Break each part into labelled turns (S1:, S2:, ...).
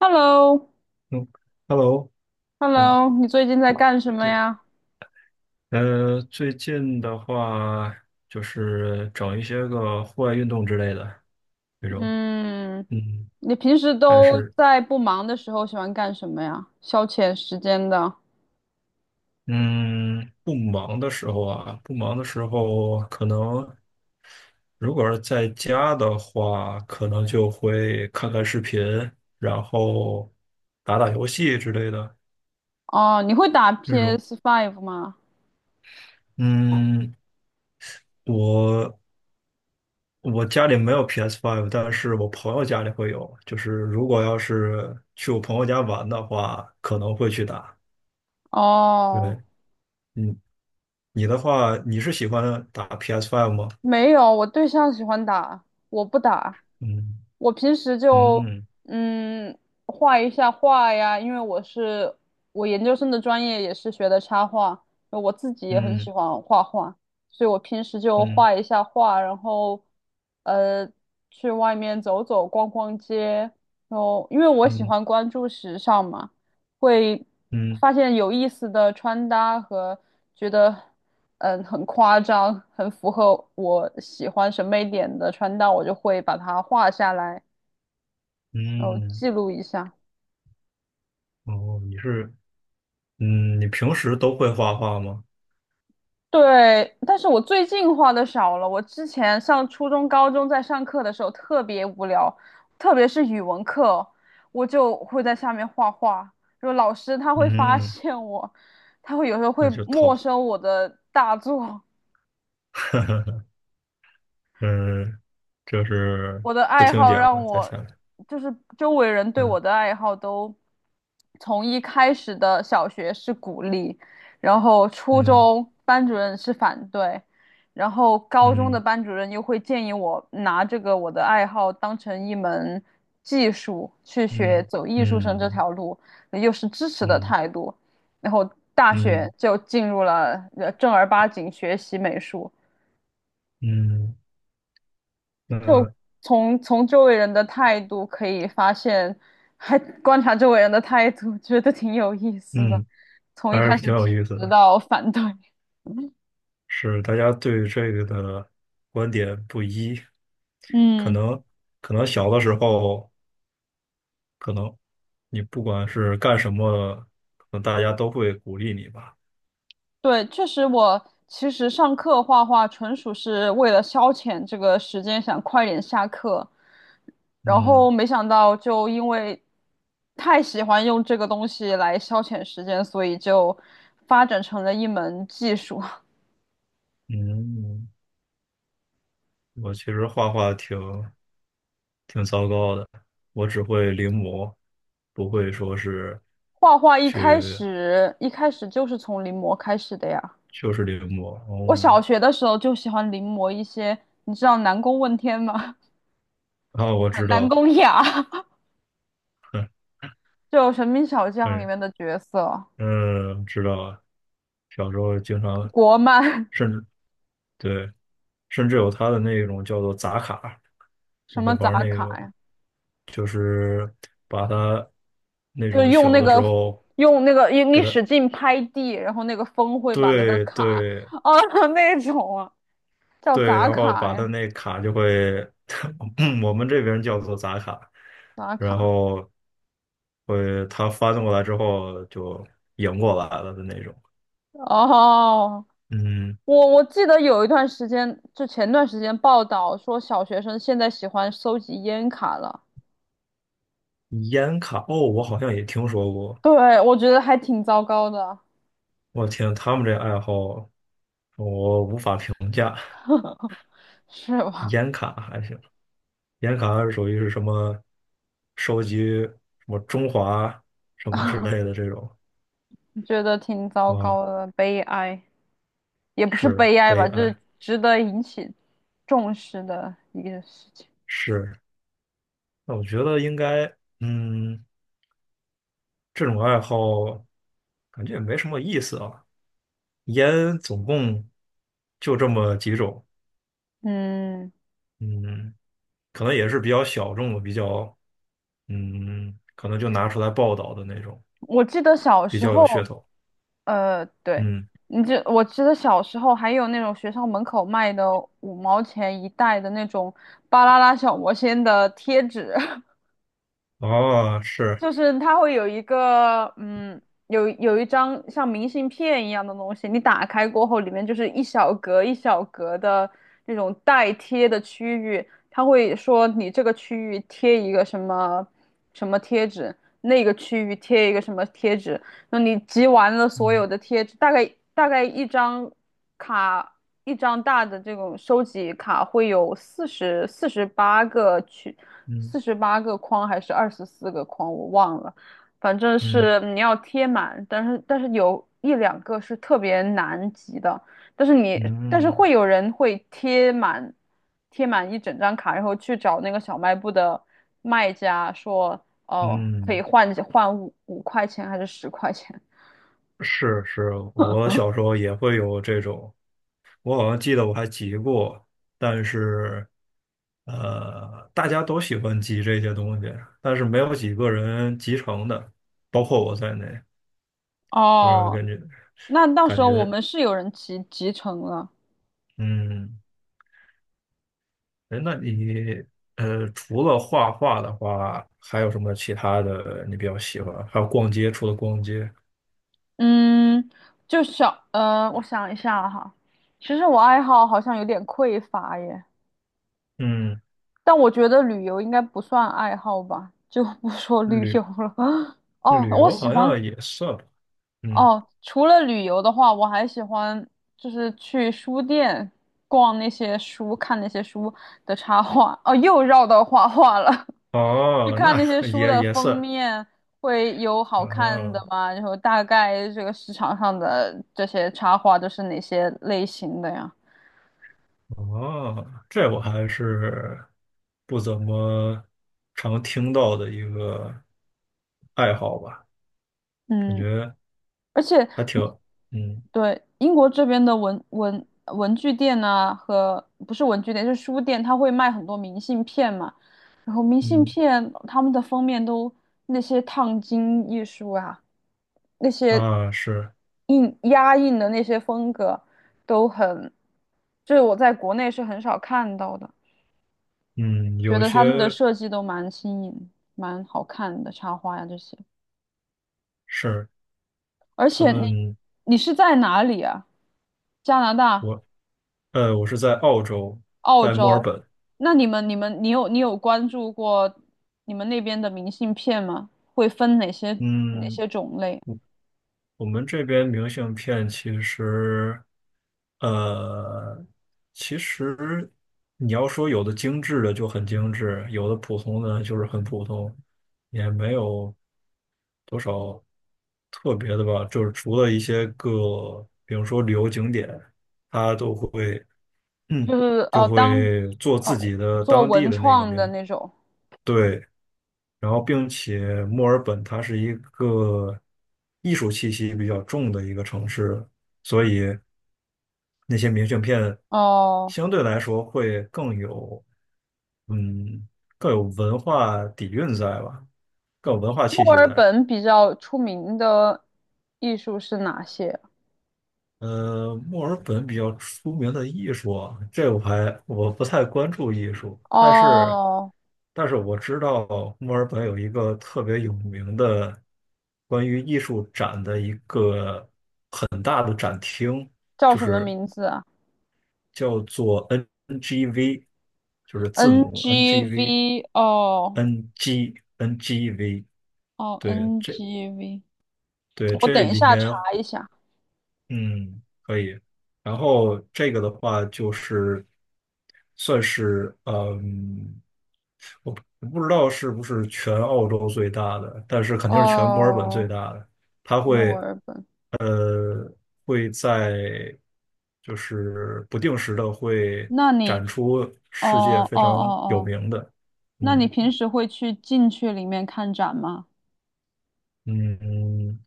S1: Hello，Hello，
S2: 嗯，Hello，嗯，
S1: 你最近在干什么
S2: 对，
S1: 呀？
S2: 最近的话就是整一些个户外运动之类的这种，
S1: 嗯，
S2: 嗯，
S1: 你平时
S2: 但
S1: 都
S2: 是，
S1: 在不忙的时候喜欢干什么呀？消遣时间的。
S2: 嗯，不忙的时候啊，不忙的时候，可能如果是在家的话，可能就会看看视频，然后打打游戏之类的
S1: 哦，你会打 p
S2: 这种。
S1: s Five 吗？
S2: 嗯，我我家里没有 PS5，但是我朋友家里会有。就是如果要是去我朋友家玩的话，可能会去打。
S1: 哦，
S2: 对，嗯，你的话，你是喜欢打 PS5 吗？
S1: 没有，我对象喜欢打，我不打。
S2: 嗯
S1: 我平时就
S2: 嗯
S1: 嗯画一下画呀，因为我研究生的专业也是学的插画，我自己也很
S2: 嗯
S1: 喜欢画画，所以我平时就
S2: 嗯
S1: 画一下画，然后呃去外面走走逛逛街，然后因为我喜
S2: 嗯
S1: 欢关注时尚嘛，会
S2: 嗯
S1: 发现有意思的穿搭和觉得很夸张，很符合我喜欢审美点的穿搭，我就会把它画下来，然后
S2: 嗯。
S1: 记录一下。
S2: 哦，你是，嗯，你平时都会画画吗？
S1: 对，但是我最近画的少了。我之前上初中、高中在上课的时候特别无聊，特别是语文课，我就会在下面画画。就老师他会发
S2: 嗯，
S1: 现我，他会有时候
S2: 那
S1: 会
S2: 就
S1: 没
S2: 套。
S1: 收我的大作。
S2: 嗯，就是
S1: 我的
S2: 不
S1: 爱
S2: 听
S1: 好
S2: 讲，
S1: 让
S2: 再
S1: 我，
S2: 下来。
S1: 就是周围人对
S2: 嗯
S1: 我的爱好都从一开始的小学是鼓励，然后初
S2: 嗯
S1: 中班主任是反对，然后高中的
S2: 嗯
S1: 班主任又会建议我拿这个我的爱好当成一门技术去学，
S2: 嗯
S1: 走艺术生这
S2: 嗯
S1: 条路，又是支持的
S2: 嗯。
S1: 态度，然后大学
S2: 嗯
S1: 就进入了正儿八经学习美术。
S2: 嗯，
S1: 就
S2: 那
S1: 从周围人的态度可以发现，还观察周围人的态度，觉得挺有意思的。
S2: 嗯，
S1: 从一
S2: 还
S1: 开
S2: 是
S1: 始
S2: 挺有
S1: 支
S2: 意思
S1: 持
S2: 的，
S1: 到反对，
S2: 是大家对这个的观点不一，可
S1: 嗯
S2: 能可能小的时候，可能你不管是干什么，可能大家都会鼓励你吧。
S1: 对，确实我其实上课画画纯属是为了消遣这个时间，想快点下课，然后
S2: 嗯
S1: 没想到就因为太喜欢用这个东西来消遣时间，所以就发展成了一门技术。
S2: 嗯，我其实画画挺糟糕的，我只会临摹，不会说是
S1: 画画一开
S2: 去
S1: 始一开始就是从临摹开始的呀。
S2: 就是临摹。
S1: 我小
S2: 哦，
S1: 学的时候就喜欢临摹一些，你知道南宫问天吗？
S2: 啊，我知
S1: 南
S2: 道，
S1: 宫雅，
S2: 嗯
S1: 就《神兵小将》里
S2: 嗯。哎
S1: 面的角色，
S2: 嗯，知道啊，小时候经常，
S1: 国漫，
S2: 甚至对，甚至有他的那种叫做砸卡，
S1: 什
S2: 我会
S1: 么
S2: 玩
S1: 杂
S2: 那
S1: 卡
S2: 个，
S1: 呀，
S2: 就是把它那
S1: 就
S2: 种
S1: 用
S2: 小
S1: 那
S2: 的时
S1: 个
S2: 候，
S1: 用那个你使劲拍地，然后那个风会把那个
S2: 对
S1: 卡
S2: 对
S1: 啊 那种啊，叫
S2: 对，
S1: 杂
S2: 然后
S1: 卡
S2: 把它
S1: 呀，
S2: 那卡就会，我们这边叫做砸卡，
S1: 杂
S2: 然
S1: 卡
S2: 后会它翻过来之后就赢过来了的那种。
S1: 哦。
S2: 嗯，
S1: 我记得有一段时间，就前段时间报道说小学生现在喜欢收集烟卡了，
S2: 烟卡，哦，我好像也听说过。
S1: 对，我觉得还挺糟糕的，
S2: 我天，他们这爱好我无法评。
S1: 是吧？
S2: 烟卡还行，烟卡属于是什么收集什么中华什么之 类的这种
S1: 觉得挺糟
S2: 啊，
S1: 糕的，悲哀，也不是
S2: 是
S1: 悲哀
S2: 悲
S1: 吧，就是
S2: 哀
S1: 值得引起重视的一个事情。
S2: 是。那我觉得应该，嗯，这种爱好感觉也没什么意思啊。烟总共就这么几种，
S1: 嗯，
S2: 嗯，可能也是比较小众的，比较，嗯，可能就拿出来报道的那种，
S1: 我记得小
S2: 比
S1: 时
S2: 较有
S1: 候。
S2: 噱头，
S1: 对，
S2: 嗯。
S1: 你这我记得小时候还有那种学校门口卖的5毛钱一袋的那种巴啦啦小魔仙的贴纸，
S2: 哦，是
S1: 就是它会有一个有一张像明信片一样的东西，你打开过后，里面就是一小格一小格的那种带贴的区域，它会说你这个区域贴一个什么什么贴纸，那个区域贴一个什么贴纸。那你集完了所有
S2: 嗯
S1: 的贴纸，大概一张卡，一张大的这种收集卡会有48个区，
S2: 嗯
S1: 48个框还是24个框，我忘了，反正
S2: 嗯
S1: 是嗯你要贴满，但是有一两个是特别难集的，但是你但是
S2: 嗯
S1: 会有人会贴满一整张卡，然后去找那个小卖部的卖家说。哦，可以
S2: 嗯，
S1: 换换五块钱还是10块钱？
S2: 是是，我小时候也会有这种，我好像记得我还集过，但是大家都喜欢集这些东西，但是没有几个人集成的，包括我在内，就是
S1: 哦，
S2: 感觉
S1: 那到
S2: 感
S1: 时候我
S2: 觉
S1: 们是有人集成了。
S2: 嗯，哎，那你除了画画的话，还有什么其他的你比较喜欢？还有逛街，除了逛街，
S1: 嗯，就我想一下哈，其实我爱好好像有点匮乏耶，
S2: 嗯。
S1: 但我觉得旅游应该不算爱好吧，就不说旅
S2: 旅
S1: 游了。哦，
S2: 旅
S1: 我
S2: 游
S1: 喜
S2: 好
S1: 欢
S2: 像也算吧，嗯，
S1: 哦，除了旅游的话，我还喜欢就是去书店逛那些书，看那些书的插画。哦，又绕到画画了。去
S2: 哦，
S1: 看
S2: 那
S1: 那些 书
S2: 也
S1: 的
S2: 也
S1: 封
S2: 算，
S1: 面会有好看的
S2: 啊，
S1: 吗？然后大概这个市场上的这些插画都是哪些类型的呀？
S2: 哦，这我还是不怎么常听到的一个爱好吧，感
S1: 嗯，
S2: 觉
S1: 而且
S2: 还挺，嗯
S1: 对，英国这边的文具店呐、和不是文具店，是书店，它会卖很多明信片嘛。然后明信
S2: 嗯
S1: 片他们的封面都那些烫金艺术啊，那些
S2: 啊是，
S1: 印压印的那些风格都很，就是我在国内是很少看到的，
S2: 嗯，
S1: 觉
S2: 有
S1: 得他们的
S2: 些
S1: 设计都蛮新颖、蛮好看的插画呀、这些。
S2: 是
S1: 而
S2: 他
S1: 且你
S2: 们
S1: 你是在哪里啊？加拿大？
S2: 我我是在澳洲，
S1: 澳
S2: 在墨尔
S1: 洲，
S2: 本，
S1: 那你有关注过你们那边的明信片吗？会分哪些哪
S2: 嗯。
S1: 些种类？
S2: 我们这边明信片其实，呃，其实你要说有的精致的就很精致，有的普通的就是很普通，也没有多少特别的吧。就是除了一些个，比如说旅游景点，它都会，
S1: 就 是
S2: 就
S1: 当
S2: 会做自
S1: 哦
S2: 己的
S1: 做
S2: 当地
S1: 文
S2: 的那个
S1: 创的
S2: 明，
S1: 那种
S2: 对。然后并且墨尔本它是一个艺术气息比较重的一个城市，所以那些明信片
S1: 哦。
S2: 相对来说会更有，嗯，更有文化底蕴在吧，更有文化气
S1: 墨
S2: 息
S1: 尔
S2: 在。
S1: 本比较出名的艺术是哪些？
S2: 墨尔本比较出名的艺术啊，这我还我不太关注艺术，但是
S1: 哦，
S2: 但是我知道墨尔本有一个特别有名的关于艺术展的一个，
S1: 叫
S2: 就
S1: 什么
S2: 是
S1: 名字啊
S2: 叫做 NGV，就是字母 NGV。
S1: ？NGV 哦
S2: N G N G V，
S1: 哦
S2: 对，这
S1: ，NGV，
S2: 对
S1: 我
S2: 这
S1: 等一
S2: 里
S1: 下
S2: 面
S1: 查一下。
S2: 嗯，可以。然后这个的话就是算是嗯，我不知道是不是全澳洲最大的，但是肯定是全墨尔本最
S1: 哦，
S2: 大的。它
S1: 墨
S2: 会
S1: 尔本，
S2: 呃会在就是不定时的会
S1: 那你？
S2: 展出世界
S1: 哦哦
S2: 非
S1: 哦
S2: 常有
S1: 哦，
S2: 名的，
S1: 那你
S2: 嗯
S1: 平时会去进去里面看展吗？
S2: 嗯，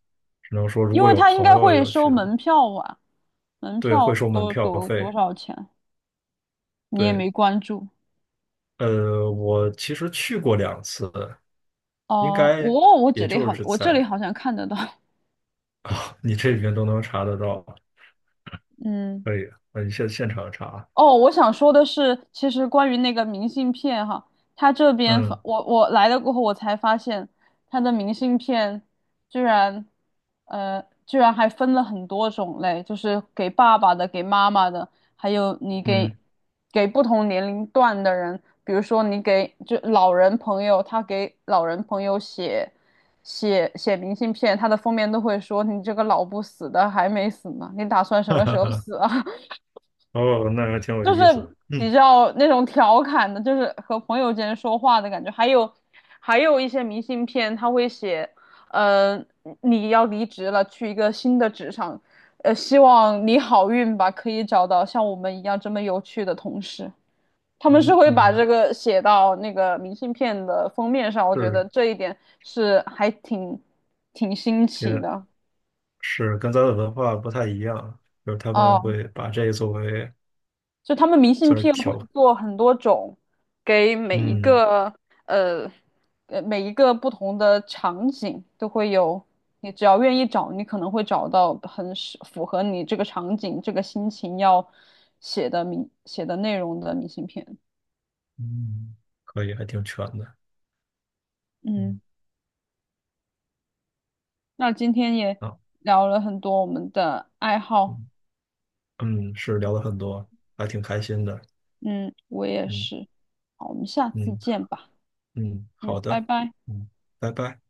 S2: 只能说如
S1: 因
S2: 果
S1: 为
S2: 有
S1: 他应
S2: 朋
S1: 该
S2: 友
S1: 会
S2: 要
S1: 收
S2: 去的话，
S1: 门票吧？门
S2: 对，会
S1: 票
S2: 收门票
S1: 多
S2: 费。
S1: 少钱？你也
S2: 对，
S1: 没关注
S2: 我其实去过2次，应
S1: 哦。
S2: 该
S1: 我这
S2: 也
S1: 里
S2: 就
S1: 好，
S2: 是
S1: 我这里
S2: 在
S1: 好像看得到。
S2: 啊，你这里面都能查得到，
S1: 嗯。
S2: 可以，现场查，
S1: 哦，我想说的是，其实关于那个明信片哈，他这边发
S2: 嗯
S1: 我，我来了过后，我才发现他的明信片居然居然还分了很多种类，就是给爸爸的、给妈妈的，还有你给
S2: 嗯，
S1: 给不同年龄段的人，比如说你给就老人朋友，他给老人朋友写明信片，他的封面都会说你这个老不死的还没死呢，你打算 什
S2: 哈
S1: 么时
S2: 哈
S1: 候
S2: 哈，
S1: 死啊？
S2: 哦，那还挺有
S1: 就是
S2: 意思的，
S1: 比
S2: 嗯
S1: 较那种调侃的，就是和朋友间说话的感觉。还有，还有一些明信片，他会写，呃，你要离职了，去一个新的职场，呃，希望你好运吧，可以找到像我们一样这么有趣的同事。他们是
S2: 嗯
S1: 会把这
S2: 嗯，
S1: 个写到那个明信片的封面上，我觉得
S2: 是，
S1: 这一点是还挺新奇
S2: 也
S1: 的。
S2: 是跟咱的文化不太一样，就是他们
S1: 哦。
S2: 会把这个作为
S1: 就他们明信
S2: 算是
S1: 片会
S2: 调，
S1: 做很多种，给每一
S2: 嗯
S1: 个呃每一个不同的场景都会有，你只要愿意找，你可能会找到很符合你这个场景、这个心情要写的内容的明信片。
S2: 嗯，可以，还挺全的，嗯
S1: 嗯，那今天也
S2: 啊，
S1: 聊了很多我们的爱好。
S2: 嗯嗯，是聊了很多，还挺开心的，
S1: 嗯，我也
S2: 嗯
S1: 是。好，我们下次
S2: 嗯。
S1: 见吧。
S2: 嗯，
S1: 嗯，
S2: 好
S1: 拜
S2: 的，
S1: 拜。
S2: 嗯，拜拜。